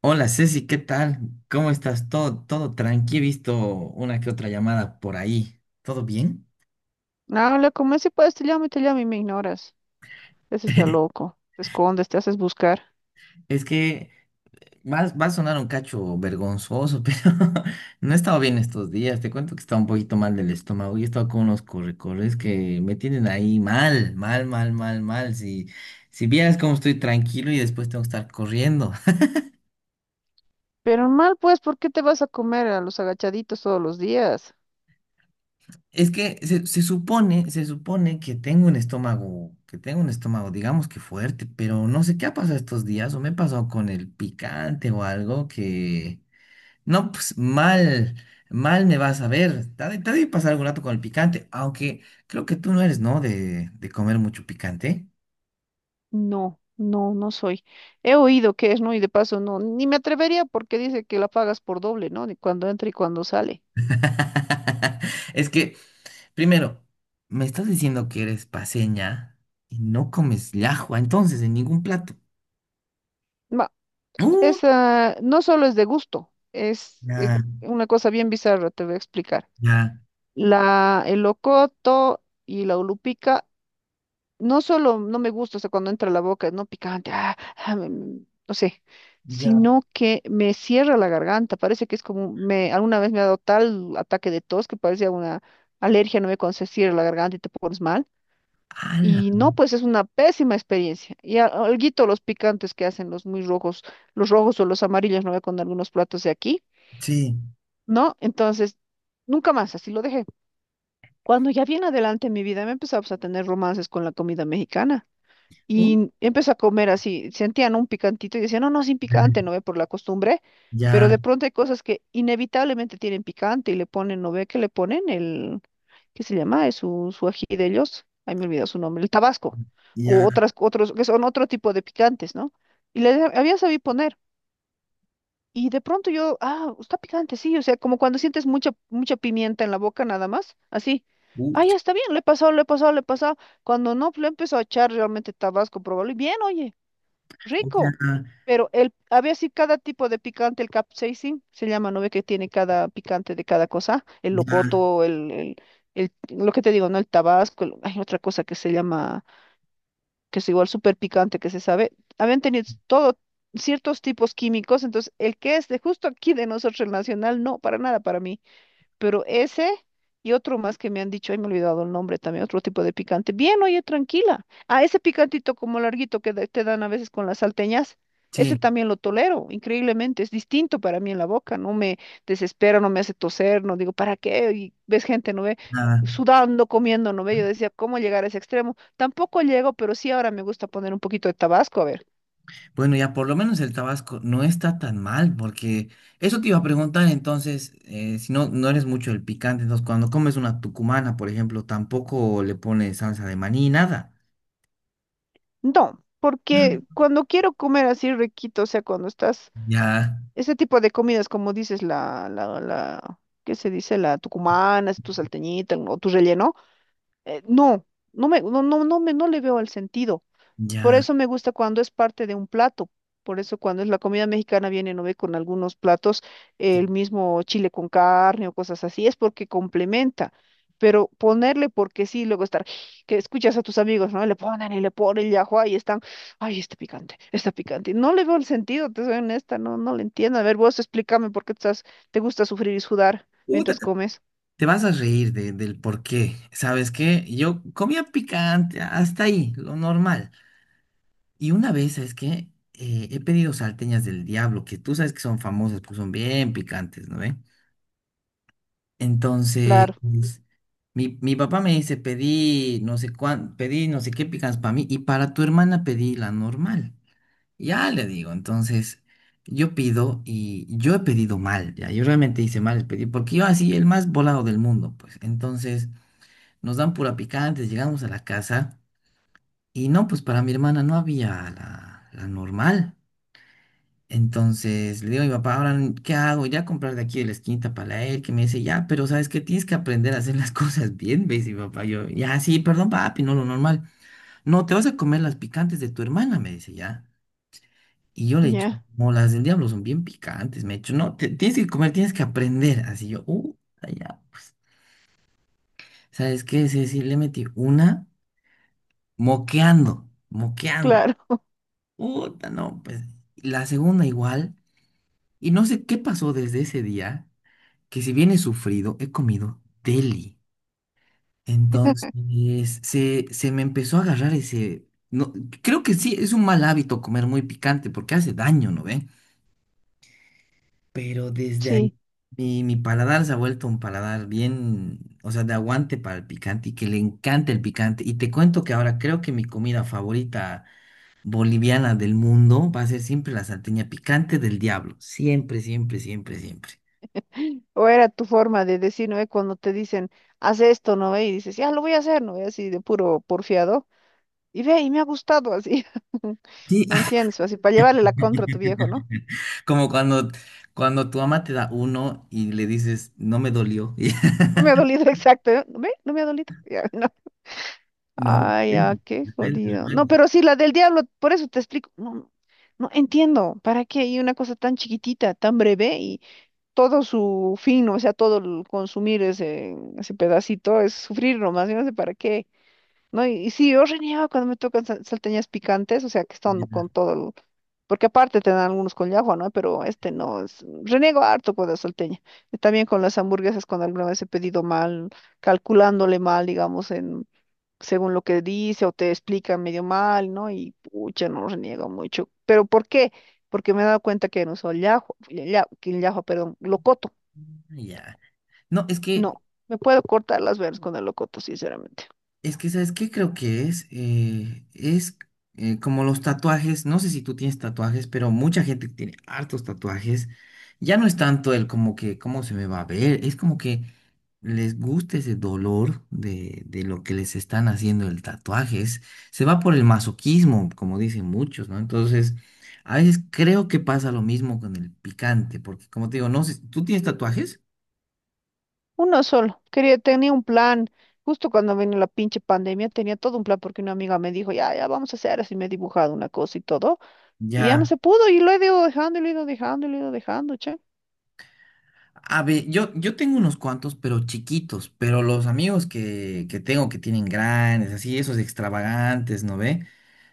Hola Ceci, ¿qué tal? ¿Cómo estás? Todo tranqui, he visto una que otra llamada por ahí. ¿Todo bien? Habla, como si puedes, te llamo y me ignoras. Ese es el loco. Te escondes, te haces buscar. Es que va a sonar un cacho vergonzoso, pero no he estado bien estos días. Te cuento que estaba un poquito mal del estómago y he estado con unos correcorres que me tienen ahí mal, mal, mal, mal, mal. Si, si vieras cómo estoy tranquilo y después tengo que estar corriendo. Pero mal, pues, ¿por qué te vas a comer a los agachaditos todos los días? Es que se supone que tengo un estómago, que tengo un estómago, digamos que fuerte, pero no sé qué ha pasado estos días, o me he pasado con el picante o algo que, no, pues mal, mal me vas a ver. Te ha de pasar algún rato con el picante, aunque creo que tú no eres, ¿no? De comer mucho picante. No, no, no soy. He oído que es, ¿no? Y de paso, no, ni me atrevería porque dice que la pagas por doble, ¿no? Ni cuando entra y cuando sale. Es que, primero, me estás diciendo que eres paseña y no comes llajua, entonces, en ningún plato. Ma, Uh, esa no solo es de gusto, es ya, una cosa bien bizarra, te voy a explicar. ya. La, el locoto y la ulupica. No solo no me gusta, o sea, cuando entra a la boca, no picante, ah, ah, no sé, Ya. sino que me cierra la garganta, parece que es como, me, alguna vez me ha dado tal ataque de tos que parecía una alergia, no me cuando se cierra la garganta y te pones mal. Ala, Y no, pues es una pésima experiencia. Y alguito los picantes que hacen los muy rojos, los rojos o los amarillos, no ve con algunos platos de aquí, sí. ¿no? Entonces, nunca más, así lo dejé. Cuando ya bien adelante en mi vida me empezaba pues, a tener romances con la comida mexicana. ¿Mm? Y empecé a comer así, sentían un picantito y decían, no, no, sin picante, no ve por la costumbre, pero Ya, de pronto hay cosas que inevitablemente tienen picante y le ponen, no ve que le ponen el, ¿qué se llama? Es su, su ají de ellos, ahí me olvidó su nombre, el tabasco, o ya, otras, otros, que son otro tipo de picantes, ¿no? Y le había sabido poner. Y de pronto yo, ah, está picante, sí, o sea, como cuando sientes mucha, mucha pimienta en la boca nada más, así. Ah, ya ucha, está bien, le he pasado, le he pasado, le he pasado. Cuando no, pues, le empezó a echar realmente tabasco, probable. Y bien, oye, o sea, rico. Pero el, había así cada tipo de picante, el capsaicin, se llama, ¿no ve que tiene cada picante de cada cosa? El ya, locoto, el- lo que te digo, ¿no? El tabasco, hay otra cosa que se llama, que es igual súper picante que se sabe, habían tenido todo ciertos tipos químicos, entonces el que es de justo aquí de nosotros el nacional, no, para nada para mí. Pero ese y otro más que me han dicho, ay, me he olvidado el nombre también, otro tipo de picante. Bien, oye, tranquila. Ah, ese picantito como larguito que te dan a veces con las salteñas, ese sí, también lo tolero, increíblemente. Es distinto para mí en la boca, no me desespera, no me hace toser, no digo, ¿para qué? Y ves gente, ¿no ve? nada. Sudando, comiendo, ¿no ve? Yo decía, ¿cómo llegar a ese extremo? Tampoco llego, pero sí ahora me gusta poner un poquito de tabasco, a ver. Bueno, ya por lo menos el Tabasco no está tan mal, porque eso te iba a preguntar entonces, si no, no eres mucho el picante, entonces cuando comes una tucumana, por ejemplo, tampoco le pones salsa de maní, nada. No, porque cuando quiero comer así riquito, o sea, cuando estás Ya, ese tipo de comidas, como dices, ¿qué se dice? La tucumana, tu salteñita o tu relleno, no, no, no le veo el sentido. Por ya. eso me gusta cuando es parte de un plato. Por eso cuando es la comida mexicana viene, no ve, con algunos platos Sí. el mismo chile con carne o cosas así, es porque complementa. Pero ponerle porque sí, luego estar, que escuchas a tus amigos, ¿no? Le ponen y ajua, y están, ay, está picante, está picante. No le veo el sentido, te soy honesta, no, no le entiendo. A ver, vos explícame por qué estás, te gusta sufrir y sudar Puta, mientras te comes. te vas a reír del por qué. ¿Sabes qué? Yo comía picante, hasta ahí, lo normal. Y una vez, es que he pedido salteñas del diablo, que tú sabes que son famosas porque son bien picantes, ¿no ve? Entonces, Claro, mi papá me dice, pedí no sé cuán, pedí no sé qué picantes para mí y para tu hermana pedí la normal. Ya le digo, entonces yo pido y yo he pedido mal, ya, yo realmente hice mal, el pedí, porque yo así, el más volado del mundo, pues. Entonces nos dan pura picante, llegamos a la casa y no, pues para mi hermana no había la normal. Entonces le digo a mi papá, ahora, ¿qué hago? Ya comprar de aquí de la esquinita para él, que me dice, ya, pero ¿sabes qué? Tienes que aprender a hacer las cosas bien, ¿ves? Y mi papá, yo, ya, sí, perdón, papi, no lo normal. No, te vas a comer las picantes de tu hermana, me dice, ya. Y yo le he dicho, ya, no, las del diablo son bien picantes, me he dicho, no, tienes que comer, tienes que aprender. Así yo, ya, pues, ¿sabes qué? Sí, sí, le metí una moqueando, moqueando. claro, Puta, no, pues, la segunda igual. Y no sé qué pasó desde ese día que si bien he sufrido, he comido deli. Entonces, se me empezó a agarrar ese… No, creo que sí, es un mal hábito comer muy picante porque hace daño, ¿no ve? Pero desde ahí sí. mi paladar se ha vuelto un paladar bien, o sea, de aguante para el picante y que le encanta el picante. Y te cuento que ahora creo que mi comida favorita boliviana del mundo va a ser siempre la salteña picante del diablo. Siempre, siempre, siempre, siempre. ¿O era tu forma de decir, no ve? Cuando te dicen, haz esto, ¿no ve? Y dices, ya lo voy a hacer, ¿no ve? Así de puro porfiado. Y ve, y me ha gustado así. Sí, ¿Me entiendes? Así para llevarle la contra a tu viejo, ¿no? como cuando, cuando tu mamá te da uno y le dices, no me dolió. No me ha dolido, exacto. ¿Eh? ¿Ve? No me ha dolido. Ya, no. No, Ay, ya, depende, qué depende, jodido. No, depende. pero sí, la del diablo, por eso te explico. No, no, no entiendo. ¿Para qué? Y una cosa tan chiquitita, tan breve, y todo su fin, o sea, todo el consumir ese, ese pedacito es sufrir nomás. Yo no sé para qué. No, y sí, yo reniego cuando me tocan salteñas picantes, o sea, que están Ya. con todo el... Porque aparte te dan algunos con llajua, ¿no? Pero este no, es... reniego harto con la salteña. Y también con las hamburguesas, cuando alguna vez he pedido mal, calculándole mal, digamos, en... según lo que dice o te explican medio mal, ¿no? Y pucha, no reniego mucho. ¿Pero por qué? Porque me he dado cuenta que no uso llajua, lla- lla- que llajua, perdón, locoto. Ya. No, es que No, me puedo cortar las venas con el locoto, sinceramente. es que, ¿sabes qué creo que es? Es como los tatuajes, no sé si tú tienes tatuajes, pero mucha gente tiene hartos tatuajes. Ya no es tanto el como que, ¿cómo se me va a ver? Es como que les gusta ese dolor de lo que les están haciendo el tatuaje. Se va por el masoquismo, como dicen muchos, ¿no? Entonces, a veces creo que pasa lo mismo con el picante, porque como te digo, no sé, ¿tú tienes tatuajes? Uno solo. Quería, tenía un plan. Justo cuando vino la pinche pandemia, tenía todo un plan porque una amiga me dijo, ya, ya vamos a hacer así, me he dibujado una cosa y todo. Y ya no Ya. se pudo y lo he ido dejando y lo he ido dejando y lo he ido dejando, che. A ver, yo tengo unos cuantos, pero chiquitos, pero los amigos que tengo que tienen grandes, así, esos extravagantes, ¿no ve?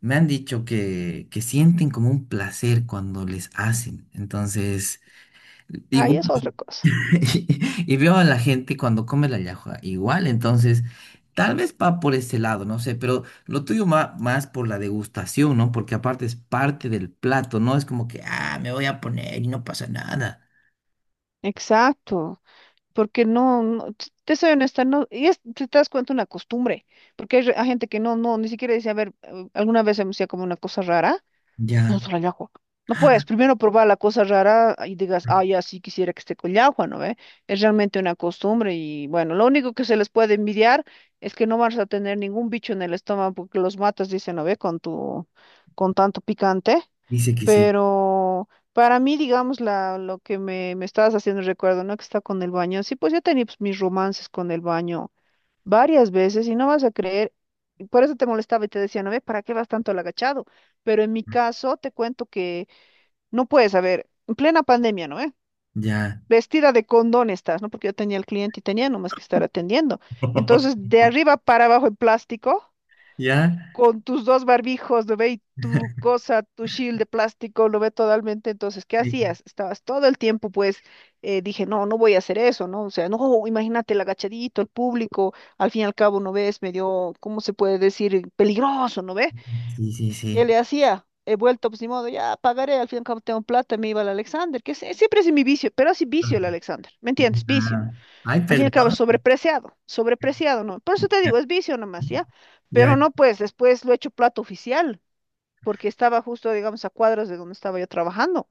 Me han dicho que sienten como un placer cuando les hacen. Entonces, Ahí igual, es otra cosa. y veo a la gente cuando come la llajua, igual, entonces, tal vez va por ese lado, no sé, pero lo tuyo va más por la degustación, ¿no? Porque aparte es parte del plato, ¿no? Es como que, ah, me voy a poner y no pasa nada. Exacto. Porque no, no, te soy honesta, no, y es, si te das cuenta una costumbre, porque hay, hay gente que no, no, ni siquiera dice, a ver, alguna vez se me hacía como una cosa rara. No Ya, solo el agua. No puedes primero probar la cosa rara y digas, ah, ya sí quisiera que esté con agua, ¿no ve? Es realmente una costumbre y bueno, lo único que se les puede envidiar es que no vas a tener ningún bicho en el estómago porque los matas, dicen, ¿no ve? Con tu, con tanto picante. dice que sí. Pero para mí, digamos, la, lo que me estabas haciendo recuerdo, ¿no? Que está con el baño. Sí, pues yo tenía pues, mis romances con el baño varias veces y no vas a creer, y por eso te molestaba y te decía, no ve, ¿para qué vas tanto al agachado? Pero en mi caso te cuento que no puedes, a ver, en plena pandemia, ¿no ve? Ya, Vestida de condón estás, ¿no? Porque yo tenía el cliente y tenía nomás que estar atendiendo. Entonces, de arriba para abajo en plástico ya. con tus dos barbijos, lo ve y tu cosa, tu shield de plástico, lo ve totalmente. Entonces, ¿qué Sí, hacías? Estabas todo el tiempo, pues, dije, no, no voy a hacer eso, ¿no? O sea, no, imagínate el agachadito, el público, al fin y al cabo, ¿no ves? Medio, ¿cómo se puede decir? Peligroso, ¿no ve? sí, sí. ¿Qué le Sí. hacía? He vuelto, pues, ni modo, ya pagaré, al fin y al cabo tengo plata, me iba al Alexander, que siempre es mi vicio, pero así vicio el Alexander, ¿me Ya. entiendes? Vicio. Ay, Al fin y al cabo es perdón. sobrepreciado, sobrepreciado, ¿no? Por eso te Ya, digo, es vicio nomás, ¿ya? ya, Pero no, pues después lo he hecho plato oficial, porque estaba justo, digamos, a cuadras de donde estaba yo trabajando.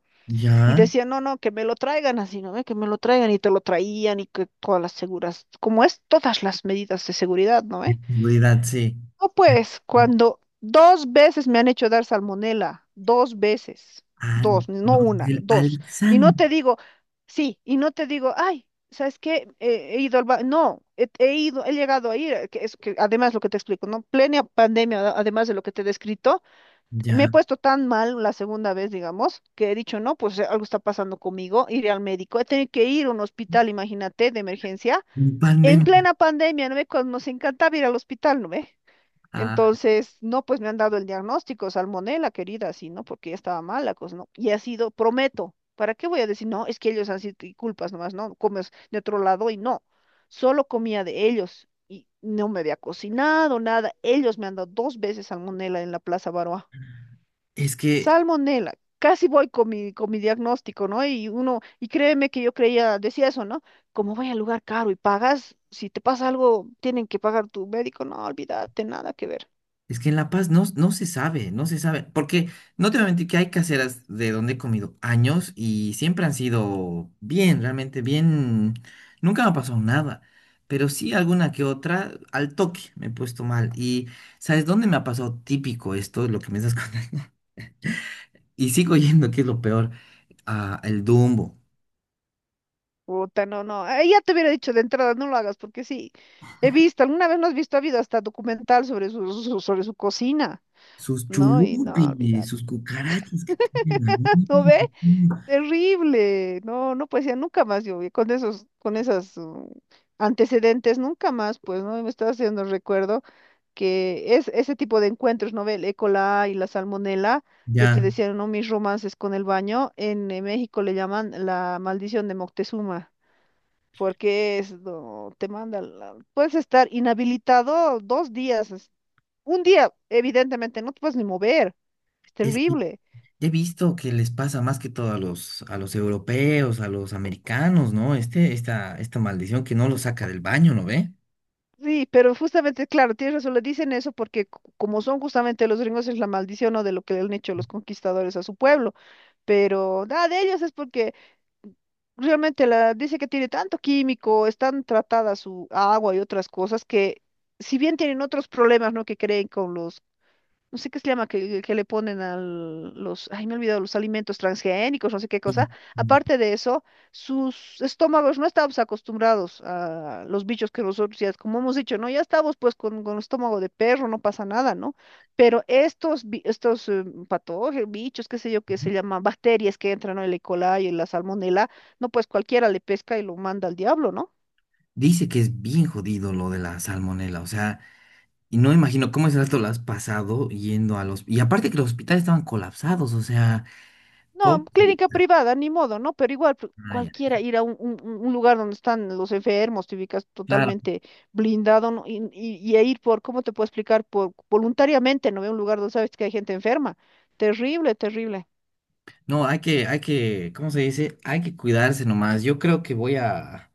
Y ya. decía, no, no, que me lo traigan así, ¿no ve? Que me lo traigan y te lo traían y que todas las seguras, como es, todas las medidas de seguridad, ¿no? Seguridad, sí. no, pues, cuando dos veces me han hecho dar salmonela, dos veces, Ah, dos, no no, una, del dos. Y no Alzan. te digo, sí, y no te digo, ay, ¿sabes qué? He ido al ba-". No, he, he ido, he llegado a ir, que es que además lo que te explico, ¿no? Plena pandemia, además de lo que te he descrito, me he Ya. puesto tan mal la segunda vez, digamos, que he dicho, no, pues algo está pasando conmigo, iré al médico, he tenido que ir a un hospital, imagínate, de emergencia, en Pandemia. plena pandemia, ¿no ve? Cuando nos encantaba ir al hospital, ¿no ve? Ah, Entonces, no, pues me han dado el diagnóstico, salmonela, querida, sí, ¿no? Porque ya estaba mala, pues, ¿no? Y ha sido, prometo, ¿para qué voy a decir, no, es que ellos han sido y culpas nomás, no, comes de otro lado y no, solo comía de ellos y no me había cocinado nada, ellos me han dado dos veces salmonela en la Plaza Baroa. es que Salmonela, casi voy con mi diagnóstico, ¿no? Y uno, y créeme que yo creía, decía eso, ¿no? Como voy al lugar caro y pagas, si te pasa algo, tienen que pagar tu médico, no, olvídate, nada que ver. es que en La Paz no, no se sabe, no se sabe, porque no te voy a mentir que hay caseras de donde he comido años y siempre han sido bien, realmente bien, nunca me ha pasado nada, pero sí alguna que otra al toque me he puesto mal y ¿sabes dónde me ha pasado típico esto, lo que me estás contando? Y sigo yendo, que es lo peor, a el Dumbo, Puta, no, no. Ahí ya te hubiera dicho de entrada, no lo hagas, porque sí, he visto, alguna vez no has visto, ha habido hasta documental sobre su, sobre su cocina, sus ¿no? Y no, chulupis, olvidad. sus cucarachas que tienen ahí. ¿No ve? Terrible. No, no, pues ya nunca más yo, vi con esos, con esas antecedentes, nunca más, pues, ¿no? Me estaba haciendo recuerdo que es ese tipo de encuentros, ¿no ve? El E. coli y la salmonela. Yo Ya, te decía, ¿no? Mis romances con el baño. En México le llaman la maldición de Moctezuma. Porque es, no, te manda, puedes estar inhabilitado 2 días, 1 día, evidentemente, no te puedes ni mover, es es que terrible. he visto que les pasa más que todo a los europeos, a los americanos, ¿no? Este, esta maldición que no lo saca del baño, ¿no ve? Sí, pero justamente, claro, tienes razón, le dicen eso porque como son justamente los gringos es la maldición o de lo que le han hecho los conquistadores a su pueblo, pero nada de ellos es porque realmente la, dice que tiene tanto químico, están tratadas su agua y otras cosas que si bien tienen otros problemas, ¿no? Que creen con los no sé qué se llama, que le ponen a los, ay, me he olvidado, los alimentos transgénicos, no sé qué Sí. cosa. Aparte de eso, sus estómagos no estábamos acostumbrados a los bichos que nosotros, ya, como hemos dicho, ¿no? Ya estábamos pues con estómago de perro, no pasa nada, ¿no? Pero estos, estos patógenos, bichos, qué sé yo, que se llaman bacterias que entran, ¿no? El E. coli, y la salmonela, no, pues cualquiera le pesca y lo manda al diablo, ¿no? Dice que es bien jodido lo de la salmonela, o sea, y no imagino cómo es rato lo has pasado yendo a los… Y aparte que los hospitales estaban colapsados, o sea, No, pobre… clínica privada, ni modo, ¿no? Pero igual, Ah, ya. cualquiera ir a un, lugar donde están los enfermos, te ubicas Claro, totalmente blindado, ¿no? Y, y a ir por, ¿cómo te puedo explicar? Por voluntariamente, ¿no? Ve un lugar donde sabes que hay gente enferma. Terrible, terrible. no, hay que, ¿cómo se dice? Hay que cuidarse nomás. Yo creo que voy a…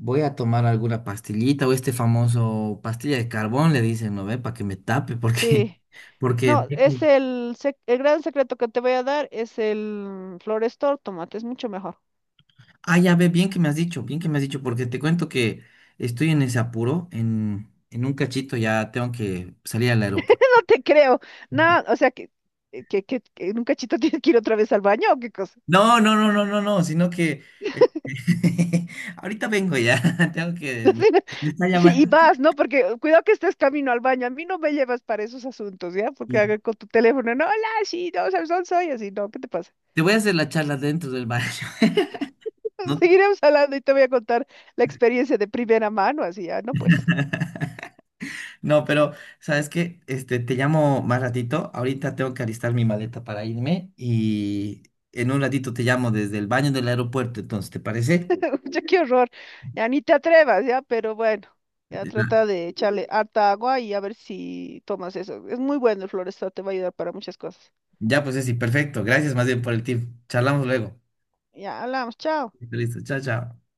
Voy a tomar alguna pastillita o este famoso pastilla de carbón, le dicen, ¿no ve? Para que me tape, porque, Sí. porque, No, es sí. el, el gran secreto que te voy a dar, es el Florestor, tómate, es mucho mejor. Ah, ya ve, bien que me has dicho, bien que me has dicho, porque te cuento que estoy en ese apuro, en un cachito ya tengo que salir al aeropuerto. No te creo. No, o sea que, que en un cachito tienes que ir otra vez al baño o qué cosa. No, no, no, no, no, no, sino que eh, ahorita vengo ya, tengo que, me, me está Sí, y llamando. vas, ¿no? Porque cuidado que estés camino al baño. A mí no me llevas para esos asuntos, ¿ya? Porque Y haga con tu teléfono, no, hola, sí, no, sabes dónde soy, así, no, ¿qué te pasa? te voy a hacer la charla dentro del baño. No, Seguiremos hablando y te voy a contar la experiencia de primera mano, así, ya, no, pues, no, pero ¿sabes que este, te llamo más ratito. Ahorita tengo que alistar mi maleta para irme y en un ratito te llamo desde el baño del aeropuerto. Entonces, ¿te parece? ya qué horror, ya ni te atrevas, ¿ya? Pero bueno, ya Ya, trata de echarle harta agua y a ver si tomas eso. Es muy bueno el Florestal, te va a ayudar para muchas cosas. ya, pues sí, perfecto. Gracias más bien por el tip. Charlamos luego. Ya, hablamos, chao. Listo, chao, chao.